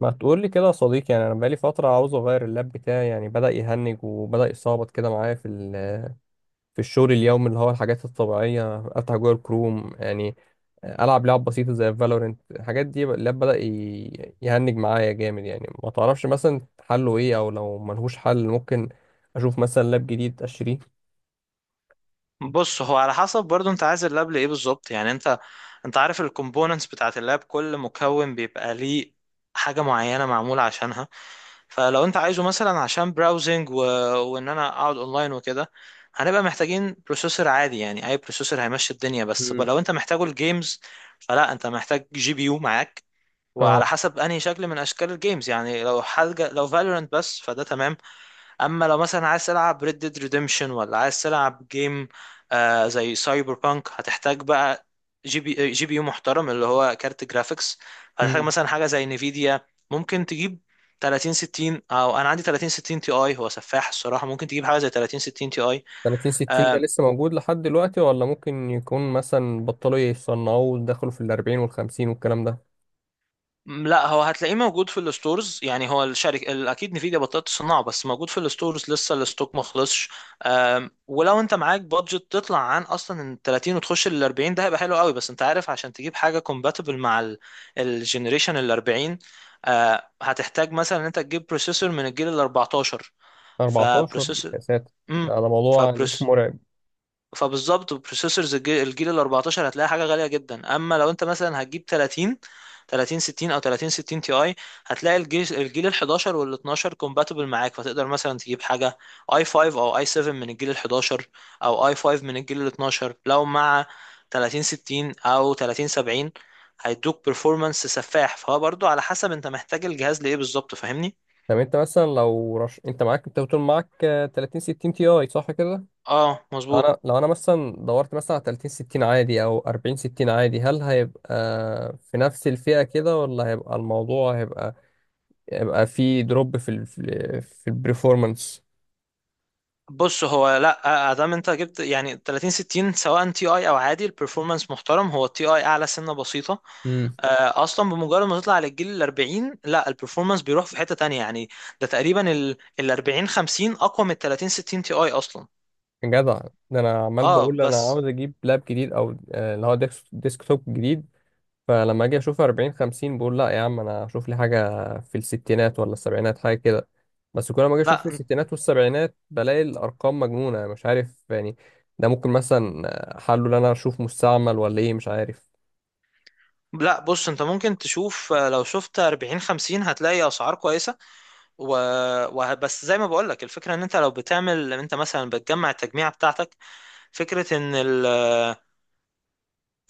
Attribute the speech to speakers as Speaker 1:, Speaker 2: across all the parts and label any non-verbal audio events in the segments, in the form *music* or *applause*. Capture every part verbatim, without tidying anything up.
Speaker 1: ما تقول لي كده يا صديقي، يعني انا بقالي فتره عاوز اغير اللاب بتاعي يعني بدا يهنج وبدا يصابط كده معايا في ال- في الشغل اليومي، اللي هو الحاجات الطبيعيه، افتح جوجل كروم يعني، العب لعب بسيطه زي فالورنت. الحاجات دي اللاب بدا ي- يهنج معايا جامد، يعني ما تعرفش مثلا حله ايه؟ او لو ملهوش حل ممكن اشوف مثلا لاب جديد اشتريه.
Speaker 2: بص، هو على حسب برضو انت عايز اللاب لايه بالظبط؟ يعني انت انت عارف الكومبوننتس بتاعت اللاب، كل مكون بيبقى ليه حاجة معينة معمولة عشانها. فلو انت عايزه مثلا عشان براوزنج و... وان انا اقعد اونلاين وكده، هنبقى محتاجين بروسيسور عادي، يعني اي بروسيسور هيمشي الدنيا. بس ب-
Speaker 1: مم.
Speaker 2: لو انت محتاجه الجيمز، فلا انت محتاج جي بي يو معاك. وعلى
Speaker 1: اه.
Speaker 2: حسب انهي شكل من اشكال الجيمز، يعني لو حاجة لو فالورنت بس، فده تمام. اما لو مثلا عايز تلعب Red Dead Redemption ولا عايز تلعب جيم آه زي سايبر بانك، هتحتاج بقى جي بي جي بي يو محترم اللي هو كارت جرافيكس. هتحتاج
Speaker 1: مم.
Speaker 2: مثلا حاجه زي نفيديا. ممكن تجيب تلاتين ستين، او انا عندي تلاتين ستين تي اي، هو سفاح الصراحه. ممكن تجيب حاجه زي تلاتين ستين تي اي.
Speaker 1: ثلاثين ستين ده لسه موجود لحد دلوقتي ولا ممكن يكون مثلا بطلوا يصنعوه ودخلوا في ال اربعين وال خمسين والكلام ده؟
Speaker 2: م، لا، هو هتلاقيه موجود في الستورز. يعني هو الشركه ال- اكيد نفيديا بطلت تصنعه، بس موجود في الستورز لسه، الستوك ما خلصش. أم، ولو انت معاك بادجت تطلع عن اصلا ال تلاتين وتخش لل اربعين، ده هيبقى حلو قوي. بس انت عارف عشان تجيب حاجه compatible مع الجنريشن ال اربعين، آه، هتحتاج مثلا ان انت تجيب بروسيسور من الجيل ال اربعتاشر.
Speaker 1: اربعتاشر.
Speaker 2: فبروسيسور
Speaker 1: يا ساتر،
Speaker 2: امم
Speaker 1: ده ده موضوع يعني *laughs* مرعب.
Speaker 2: فبالظبط بروسيسورز الجيل ال اربعتاشر هتلاقي حاجه غاليه جدا. اما لو انت مثلا هتجيب تلاتين تلاتين ستين او تلاتين ستين تي اي، هتلاقي الجيل الجيل ال حداشر وال اتناشر كومباتبل معاك. فتقدر مثلا تجيب حاجه اي خمسة او اي سبعة من الجيل ال حداشر، او اي خمس من الجيل ال اثنا عشر. لو مع تلاتين ستين او تلاتين سبعين هيدوك performance سفاح. فهو برضو على حسب انت محتاج الجهاز لايه بالظبط، فاهمني؟
Speaker 1: طب انت مثلا لو رش... انت معاك انت بتقول معاك آه، تلاتين ستين تي اي صح كده؟
Speaker 2: اه، مظبوط.
Speaker 1: انا لو انا مثلا دورت مثلا على تلاتين ستين عادي او اربعين ستين عادي، هل هيبقى في نفس الفئة كده، ولا هيبقى الموضوع هيبقى هيبقى في دروب في ال... في البرفورمانس؟
Speaker 2: بص، هو لا ادام انت جبت يعني تلاتين ستين سواء تي اي او عادي، البرفورمانس محترم. هو التي اي اعلى سنه بسيطه.
Speaker 1: امم
Speaker 2: آه، اصلا بمجرد ما تطلع للجيل ال اربعين، لا البرفورمانس بيروح في حته تانية يعني. ده تقريبا ال اربعين خمسين اقوى من ال تلاتين ستين تي اي اصلا.
Speaker 1: جدع. ده انا عمال
Speaker 2: اه
Speaker 1: بقول انا
Speaker 2: بس.
Speaker 1: عاوز اجيب لاب جديد او آه، اللي هو ديسك توب جديد. فلما اجي اشوف اربعين خمسين بقول لا يا عم، انا اشوف لي حاجه في الستينات ولا السبعينات، حاجه كده. بس كل ما اجي اشوف في
Speaker 2: لا،
Speaker 1: الستينات والسبعينات بلاقي الارقام مجنونه، مش عارف يعني. ده ممكن مثلا حله ان انا اشوف مستعمل، ولا ايه، مش عارف.
Speaker 2: لا، بص انت ممكن تشوف، آه، لو شفت اربعين خمسين هتلاقي اسعار كويسه، و... و... بس زي ما بقول لك، الفكره ان انت لو بتعمل، انت مثلا بتجمع التجميعه بتاعتك، فكره ان ال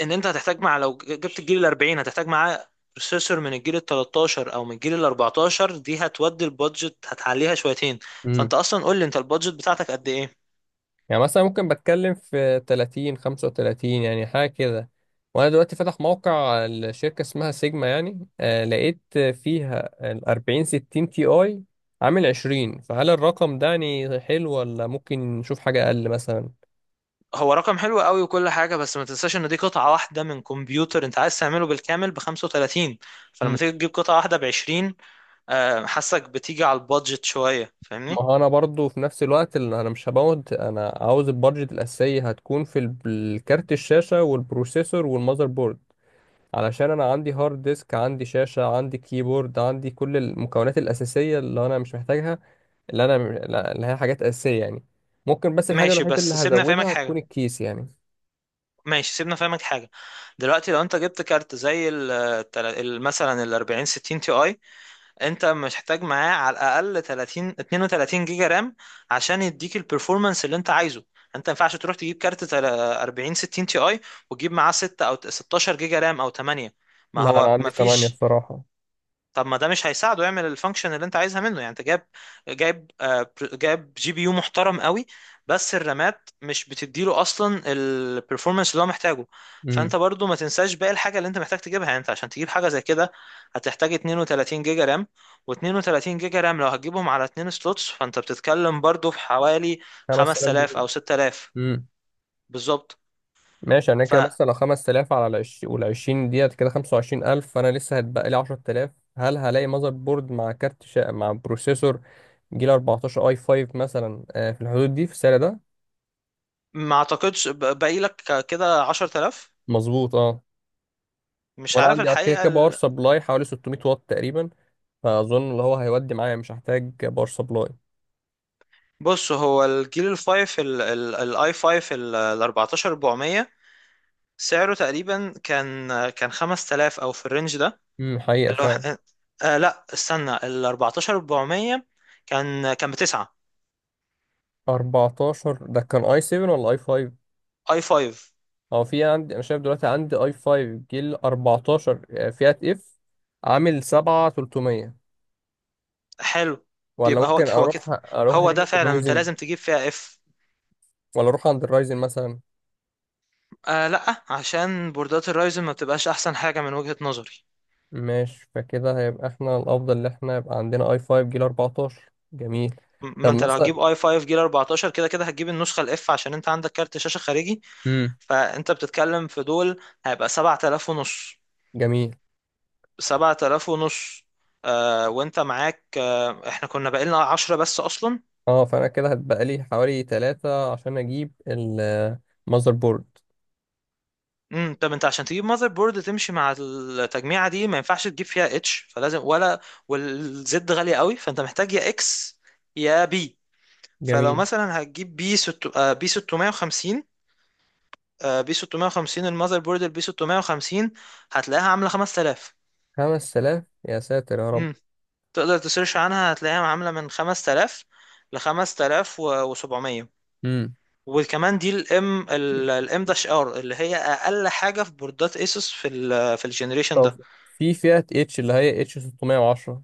Speaker 2: ان انت هتحتاج، مع لو جبت الجيل ال اربعين هتحتاج معاه بروسيسور من الجيل ال تلتاشر او من الجيل ال اربعتاشر، دي هتودي البادجت هتعليها شويتين. فانت اصلا قول لي انت البادجت بتاعتك قد ايه.
Speaker 1: يعني مثلا ممكن بتكلم في ثلاثين خمسة وثلاثين يعني حاجة كده. وانا دلوقتي فاتح موقع الشركة، اسمها سيجما يعني، آه لقيت فيها ال اربعين ستين تي اي عامل عشرين، فهل الرقم ده يعني حلو ولا ممكن نشوف حاجة اقل مثلا؟
Speaker 2: هو رقم حلو قوي وكل حاجه، بس ما تنساش ان دي قطعه واحده من كمبيوتر انت عايز تعمله بالكامل ب خمسة وتلاتين. فلما
Speaker 1: مم.
Speaker 2: تيجي تجيب قطعه واحده ب عشرين، آه، حاسك بتيجي على البادجت شويه،
Speaker 1: ما
Speaker 2: فاهمني؟
Speaker 1: هو انا برضو في نفس الوقت اللي انا مش هبوظ، انا عاوز البادجت الاساسية هتكون في ال- الكارت الشاشة والبروسيسور والمذر بورد. علشان انا عندي هارد ديسك، عندي شاشة، عندي كيبورد، عندي كل المكونات الأساسية اللي انا مش محتاجها، اللي انا لا- اللي هي حاجات أساسية يعني. ممكن بس الحاجة
Speaker 2: ماشي
Speaker 1: الوحيدة اللي
Speaker 2: بس سيبنا فاهمك
Speaker 1: هزودها
Speaker 2: حاجه
Speaker 1: هتكون الكيس يعني.
Speaker 2: ماشي، سيبنا فاهمك حاجه. دلوقتي لو انت جبت كارت زي ال- التل- ال- مثلا ال اربعين ستين تي اي، انت محتاج معاه على الاقل تلاتين اتنين وتلاتين جيجا رام عشان يديك البرفورمانس اللي انت عايزه. انت ما ينفعش تروح تجيب كارت تل- اربعين ستين تي اي وتجيب معاه ستة او ستاشر جيجا رام او تمانية، ما
Speaker 1: لا، انا
Speaker 2: هو
Speaker 1: عندي
Speaker 2: ما
Speaker 1: ثمانية
Speaker 2: فيش.
Speaker 1: الصراحة.
Speaker 2: طب ما ده مش هيساعده يعمل الفانكشن اللي انت عايزها منه. يعني انت جايب جايب آه، بر- جايب جي بي يو محترم قوي، بس الرامات مش بتديله اصلا البرفورمانس اللي هو محتاجه.
Speaker 1: امم
Speaker 2: فانت برضو ما تنساش باقي الحاجه اللي انت محتاج تجيبها. يعني انت عشان تجيب حاجه زي كده، هتحتاج اتنين وتلاتين جيجا رام. و32 جيجا رام لو هتجيبهم على اتنين سلوتس، فانت بتتكلم برضو في حوالي
Speaker 1: 5000
Speaker 2: خمسة آلاف
Speaker 1: جنيه
Speaker 2: او ستة آلاف.
Speaker 1: امم
Speaker 2: بالظبط.
Speaker 1: ماشي. يعني كده
Speaker 2: فما
Speaker 1: مثلا لو خمس تلاف على العش... وال عشرين ديت كده خمسة وعشرين الف، فانا لسه هتبقى لي عشر تلاف. هل هلاقي ماذر بورد مع كارت شا... مع بروسيسور جيل اربعة عشر اي خمسة مثلا، آه، في الحدود دي في السعر ده؟
Speaker 2: اعتقدش ب- باقي لك كده عشرة آلاف.
Speaker 1: مظبوط، اه.
Speaker 2: مش
Speaker 1: وانا
Speaker 2: عارف
Speaker 1: عندي كده
Speaker 2: الحقيقه.
Speaker 1: كده باور سبلاي حوالي ستمية واط تقريبا، فاظن اللي هو هيودي معايا مش هحتاج باور سبلاي.
Speaker 2: بص، هو الجيل الفايف ال- ال- الاي فايف ال اربعتاشر اربعمية، سعره تقريبا كان كان خمس تلاف او في الرينج ده.
Speaker 1: امم حقيقة
Speaker 2: اللي هو
Speaker 1: فعلا.
Speaker 2: إحنا- آه لا، استنى، ال اربعتاشر اربعمية كان كان بتسعة.
Speaker 1: اربعتاشر ده كان اي سبعة ولا اي خمسة؟
Speaker 2: اي خمسة؟
Speaker 1: هو في عندي، انا شايف دلوقتي عندي اي خمسة جيل اربعتاشر آه، فئة اف، عامل سبعة الاف وتلتمية.
Speaker 2: حلو.
Speaker 1: ولا
Speaker 2: بيبقى هو
Speaker 1: ممكن
Speaker 2: هو كده.
Speaker 1: اروح اروح
Speaker 2: هو ده
Speaker 1: ناحية
Speaker 2: فعلا انت
Speaker 1: الرايزن؟
Speaker 2: لازم تجيب فيها اف.
Speaker 1: ولا اروح عند الرايزن مثلا؟
Speaker 2: آه لا، عشان بوردات الرايزن ما بتبقاش احسن حاجة من وجهة نظري.
Speaker 1: ماشي، فكده هيبقى احنا الافضل ان احنا يبقى عندنا اي خمسة جيل اربعتاشر. جميل.
Speaker 2: م- ما
Speaker 1: طب
Speaker 2: انت لو
Speaker 1: مثلا.
Speaker 2: هتجيب اي خمسة جيل اربعة عشر، كده كده هتجيب النسخة الاف عشان انت عندك كارت شاشة خارجي.
Speaker 1: امم.
Speaker 2: فانت بتتكلم في دول، هيبقى سبعة آلاف ونص.
Speaker 1: جميل.
Speaker 2: سبعة آلاف ونص، آه وانت معاك، آه احنا كنا باقي لنا عشرة بس اصلا.
Speaker 1: اه، فانا كده هتبقى لي حوالي ثلاثة عشان اجيب المذر بورد.
Speaker 2: امم. طب انت عشان تجيب ماذر بورد تمشي مع التجميعه دي، ما ينفعش تجيب فيها اتش، فلازم ولا، والزد غاليه قوي، فانت محتاج يا اكس يا بي. فلو
Speaker 1: جميل.
Speaker 2: مثلا هتجيب بي ست آه بي ستمية وخمسين، آه، بي ستمية وخمسين، الماذر بورد البي ستمية وخمسين هتلاقيها عامله خمس تلاف.
Speaker 1: خمس تلاف، يا ساتر يا رب.
Speaker 2: تقدر تسيرش عنها، هتلاقيها عاملة من خمس تلاف ل خمسة آلاف وسبعمية.
Speaker 1: امم.
Speaker 2: وكمان دي الام الام داش ار اللي هي اقل حاجه في بوردات ايسوس في ال في الجنريشن
Speaker 1: طب
Speaker 2: ده.
Speaker 1: في فئة اتش، اللي هي اتش ستمية وعشرة.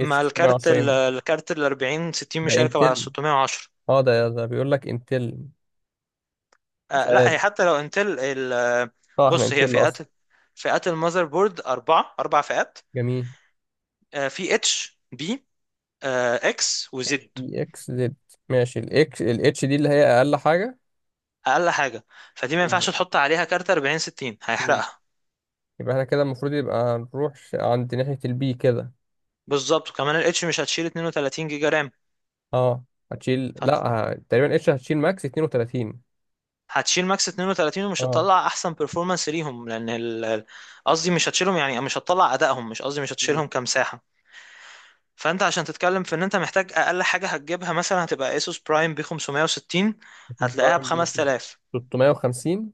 Speaker 1: اتش
Speaker 2: مع الكارت
Speaker 1: ستمائة وعشرة
Speaker 2: ال-
Speaker 1: ام.
Speaker 2: الكارت ال اربعين ستين مش
Speaker 1: ده
Speaker 2: هيركب على
Speaker 1: انتل.
Speaker 2: ستمية وعشرة.
Speaker 1: اه، ده ده بيقول لك انتل. مش
Speaker 2: آه لا،
Speaker 1: عارف.
Speaker 2: هي حتى لو انتل ال-
Speaker 1: اه، احنا
Speaker 2: بص، هي
Speaker 1: انتل
Speaker 2: فئات.
Speaker 1: اصلا.
Speaker 2: فئات المذر بورد اربعه اربع فئات،
Speaker 1: جميل.
Speaker 2: آه في اتش، بي، اكس،
Speaker 1: اتش
Speaker 2: وزد.
Speaker 1: دي اكس زد. ماشي، الاكس الاتش دي اللي هي اقل حاجة.
Speaker 2: اقل حاجه فدي ما ينفعش تحط عليها كارت اربعين ستين،
Speaker 1: مم.
Speaker 2: هيحرقها.
Speaker 1: يبقى احنا كده المفروض يبقى نروح ش- عند ناحية البي كده.
Speaker 2: بالظبط. وكمان الاتش مش هتشيل اتنين وتلاتين جيجا رام،
Speaker 1: اه. هتشيل لا.
Speaker 2: فانت
Speaker 1: ه- تقريبا اتش هتشيل ماكس اتنين وتلاتين.
Speaker 2: هتشيل ماكس اتنين وتلاتين ومش
Speaker 1: اه.
Speaker 2: هتطلع احسن performance ليهم، لان ال- ال- قصدي مش هتشيلهم يعني مش هتطلع ادائهم، مش قصدي مش
Speaker 1: مم.
Speaker 2: هتشيلهم كمساحه. فانت عشان تتكلم في ان انت محتاج اقل حاجه هتجيبها، مثلا هتبقى اسوس برايم ب خمسمية وستين،
Speaker 1: اسود
Speaker 2: هتلاقيها ب
Speaker 1: برايم بي.
Speaker 2: خمس تلاف،
Speaker 1: تلتمية وخمسين.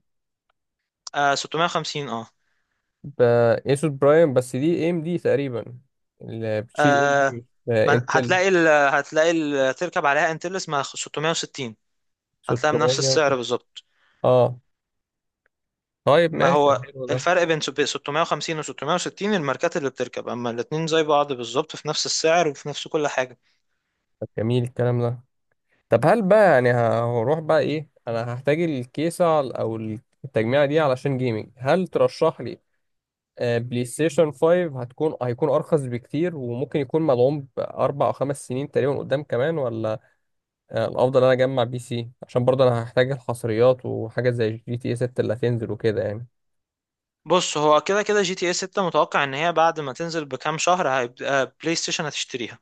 Speaker 2: آه، ستمية وخمسين اه،
Speaker 1: ب. اسود برايم. بس دي اي ام دي تقريبا، اللي بتشيل اي ام
Speaker 2: آه
Speaker 1: دي مش
Speaker 2: ما-
Speaker 1: انتل.
Speaker 2: هتلاقي ال هتلاقي ال تركب عليها انتلس مع ستمية وستين، هتلاقيها بنفس
Speaker 1: ستمية
Speaker 2: السعر
Speaker 1: وكده.
Speaker 2: بالظبط.
Speaker 1: اه. طيب
Speaker 2: ما
Speaker 1: ماشي،
Speaker 2: هو
Speaker 1: حلو ده.
Speaker 2: الفرق بين سب- ستمية وخمسين و ستمية وستين الماركات اللي بتركب، اما الاتنين زي بعض بالظبط في نفس السعر وفي نفس كل حاجة.
Speaker 1: طب جميل الكلام ده. طب هل بقى يعني ه- هروح بقى ايه؟ انا هحتاج الكيسة على- او التجميعة دي علشان جيمنج. هل ترشح لي آه، بلاي ستيشن خمسة؟ هتكون هيكون ارخص بكتير وممكن يكون مدعوم باربع او خمس سنين تقريبا قدام كمان، ولا آه، الافضل إن انا اجمع بي سي عشان برضه انا هحتاج الحصريات وحاجه زي جي تي اي ستة اللي هتنزل وكده يعني؟
Speaker 2: بص، هو كده كده جي تي اي ستة متوقع ان هي بعد ما تنزل بكام شهر هيبقى بلاي ستيشن هتشتريها،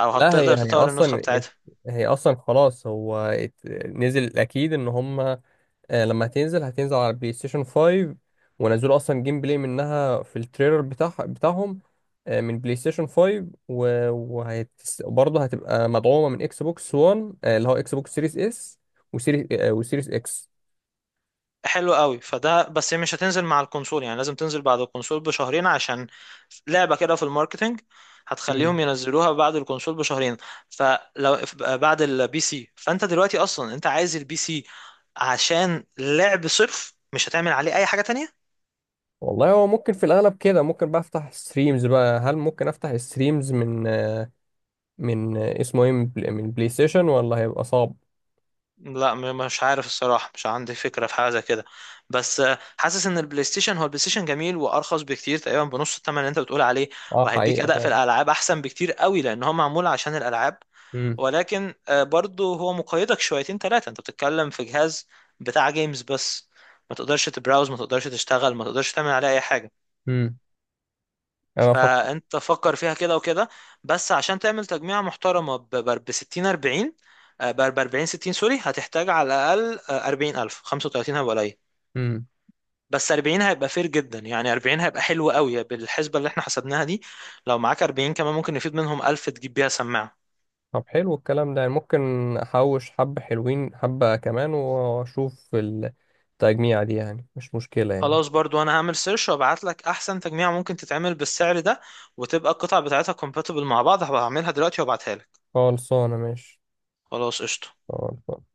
Speaker 2: او
Speaker 1: لا، هي
Speaker 2: هتقدر
Speaker 1: هي
Speaker 2: تطور النسخة
Speaker 1: اصلا ات-
Speaker 2: بتاعتها.
Speaker 1: هي اصلا خلاص، هو ات- نزل، اكيد ان هما آه، لما هتنزل هتنزل على البلاي ستيشن خمسة، ونزلوا اصلا جيم بلاي منها في التريلر بتاع بتاعهم آه، من بلاي ستيشن خمسة، و- وهت برضه هتبقى مدعومه من اكس بوكس واحد، آه، اللي هو اكس بوكس سيريس اس وسيريس، آه، وسيريس اكس.
Speaker 2: حلو قوي. فده بس هي مش هتنزل مع الكونسول، يعني لازم تنزل بعد الكونسول بشهرين عشان لعبة كده في الماركتينج هتخليهم ينزلوها بعد الكونسول بشهرين. فلو بعد البي سي، فانت دلوقتي اصلا انت عايز البي سي عشان لعب صرف، مش هتعمل عليه اي حاجة تانية.
Speaker 1: والله هو ممكن في الاغلب كده، ممكن بقى افتح ستريمز بقى، هل ممكن افتح ستريمز من من اسمه ايه، من بل- من بلاي ستيشن، ولا هيبقى صعب؟
Speaker 2: لا م- مش عارف الصراحة، مش عندي فكرة في حاجة زي كده. بس آه، حاسس ان البلاي ستيشن هو البلاي ستيشن جميل وارخص بكتير، تقريبا بنص الثمن اللي انت بتقول عليه.
Speaker 1: اه،
Speaker 2: وهيديك
Speaker 1: حقيقة
Speaker 2: اداء في
Speaker 1: فعلا.
Speaker 2: الالعاب احسن بكتير قوي، لان هو معمول عشان الالعاب.
Speaker 1: امم.
Speaker 2: ولكن آه، برضه هو مقيدك شويتين ثلاثة، انت بتتكلم في جهاز بتاع جيمز بس. ما تقدرش تبراوز، ما تقدرش تشتغل، ما تقدرش تعمل عليه اي حاجة.
Speaker 1: امم. انا فكر.
Speaker 2: فانت فكر فيها كده وكده. بس عشان تعمل تجميعة محترمة ب ستين اربعين، ب اربعين ستين سوري، هتحتاج على الاقل اربعين الف. خمسة وتلاتين هيبقى قليل،
Speaker 1: امم.
Speaker 2: بس اربعين هيبقى فير جدا. يعني اربعين هيبقى حلو قوي بالحسبة اللي احنا حسبناها دي. لو معاك اربعين كمان، ممكن يفيد منهم الف تجيب بيها سماعة.
Speaker 1: طب حلو الكلام ده، يعني ممكن احوش حبة حلوين، حبة كمان واشوف التجميع دي، يعني مش مشكلة يعني.
Speaker 2: خلاص، برضو انا هعمل سيرش وابعت لك احسن تجميع ممكن تتعمل بالسعر ده، وتبقى القطع بتاعتها compatible مع بعض. هبقى هعملها دلوقتي وابعتها لك.
Speaker 1: خلصانة، ماشي.
Speaker 2: خلاص قشطة.
Speaker 1: خلصانة.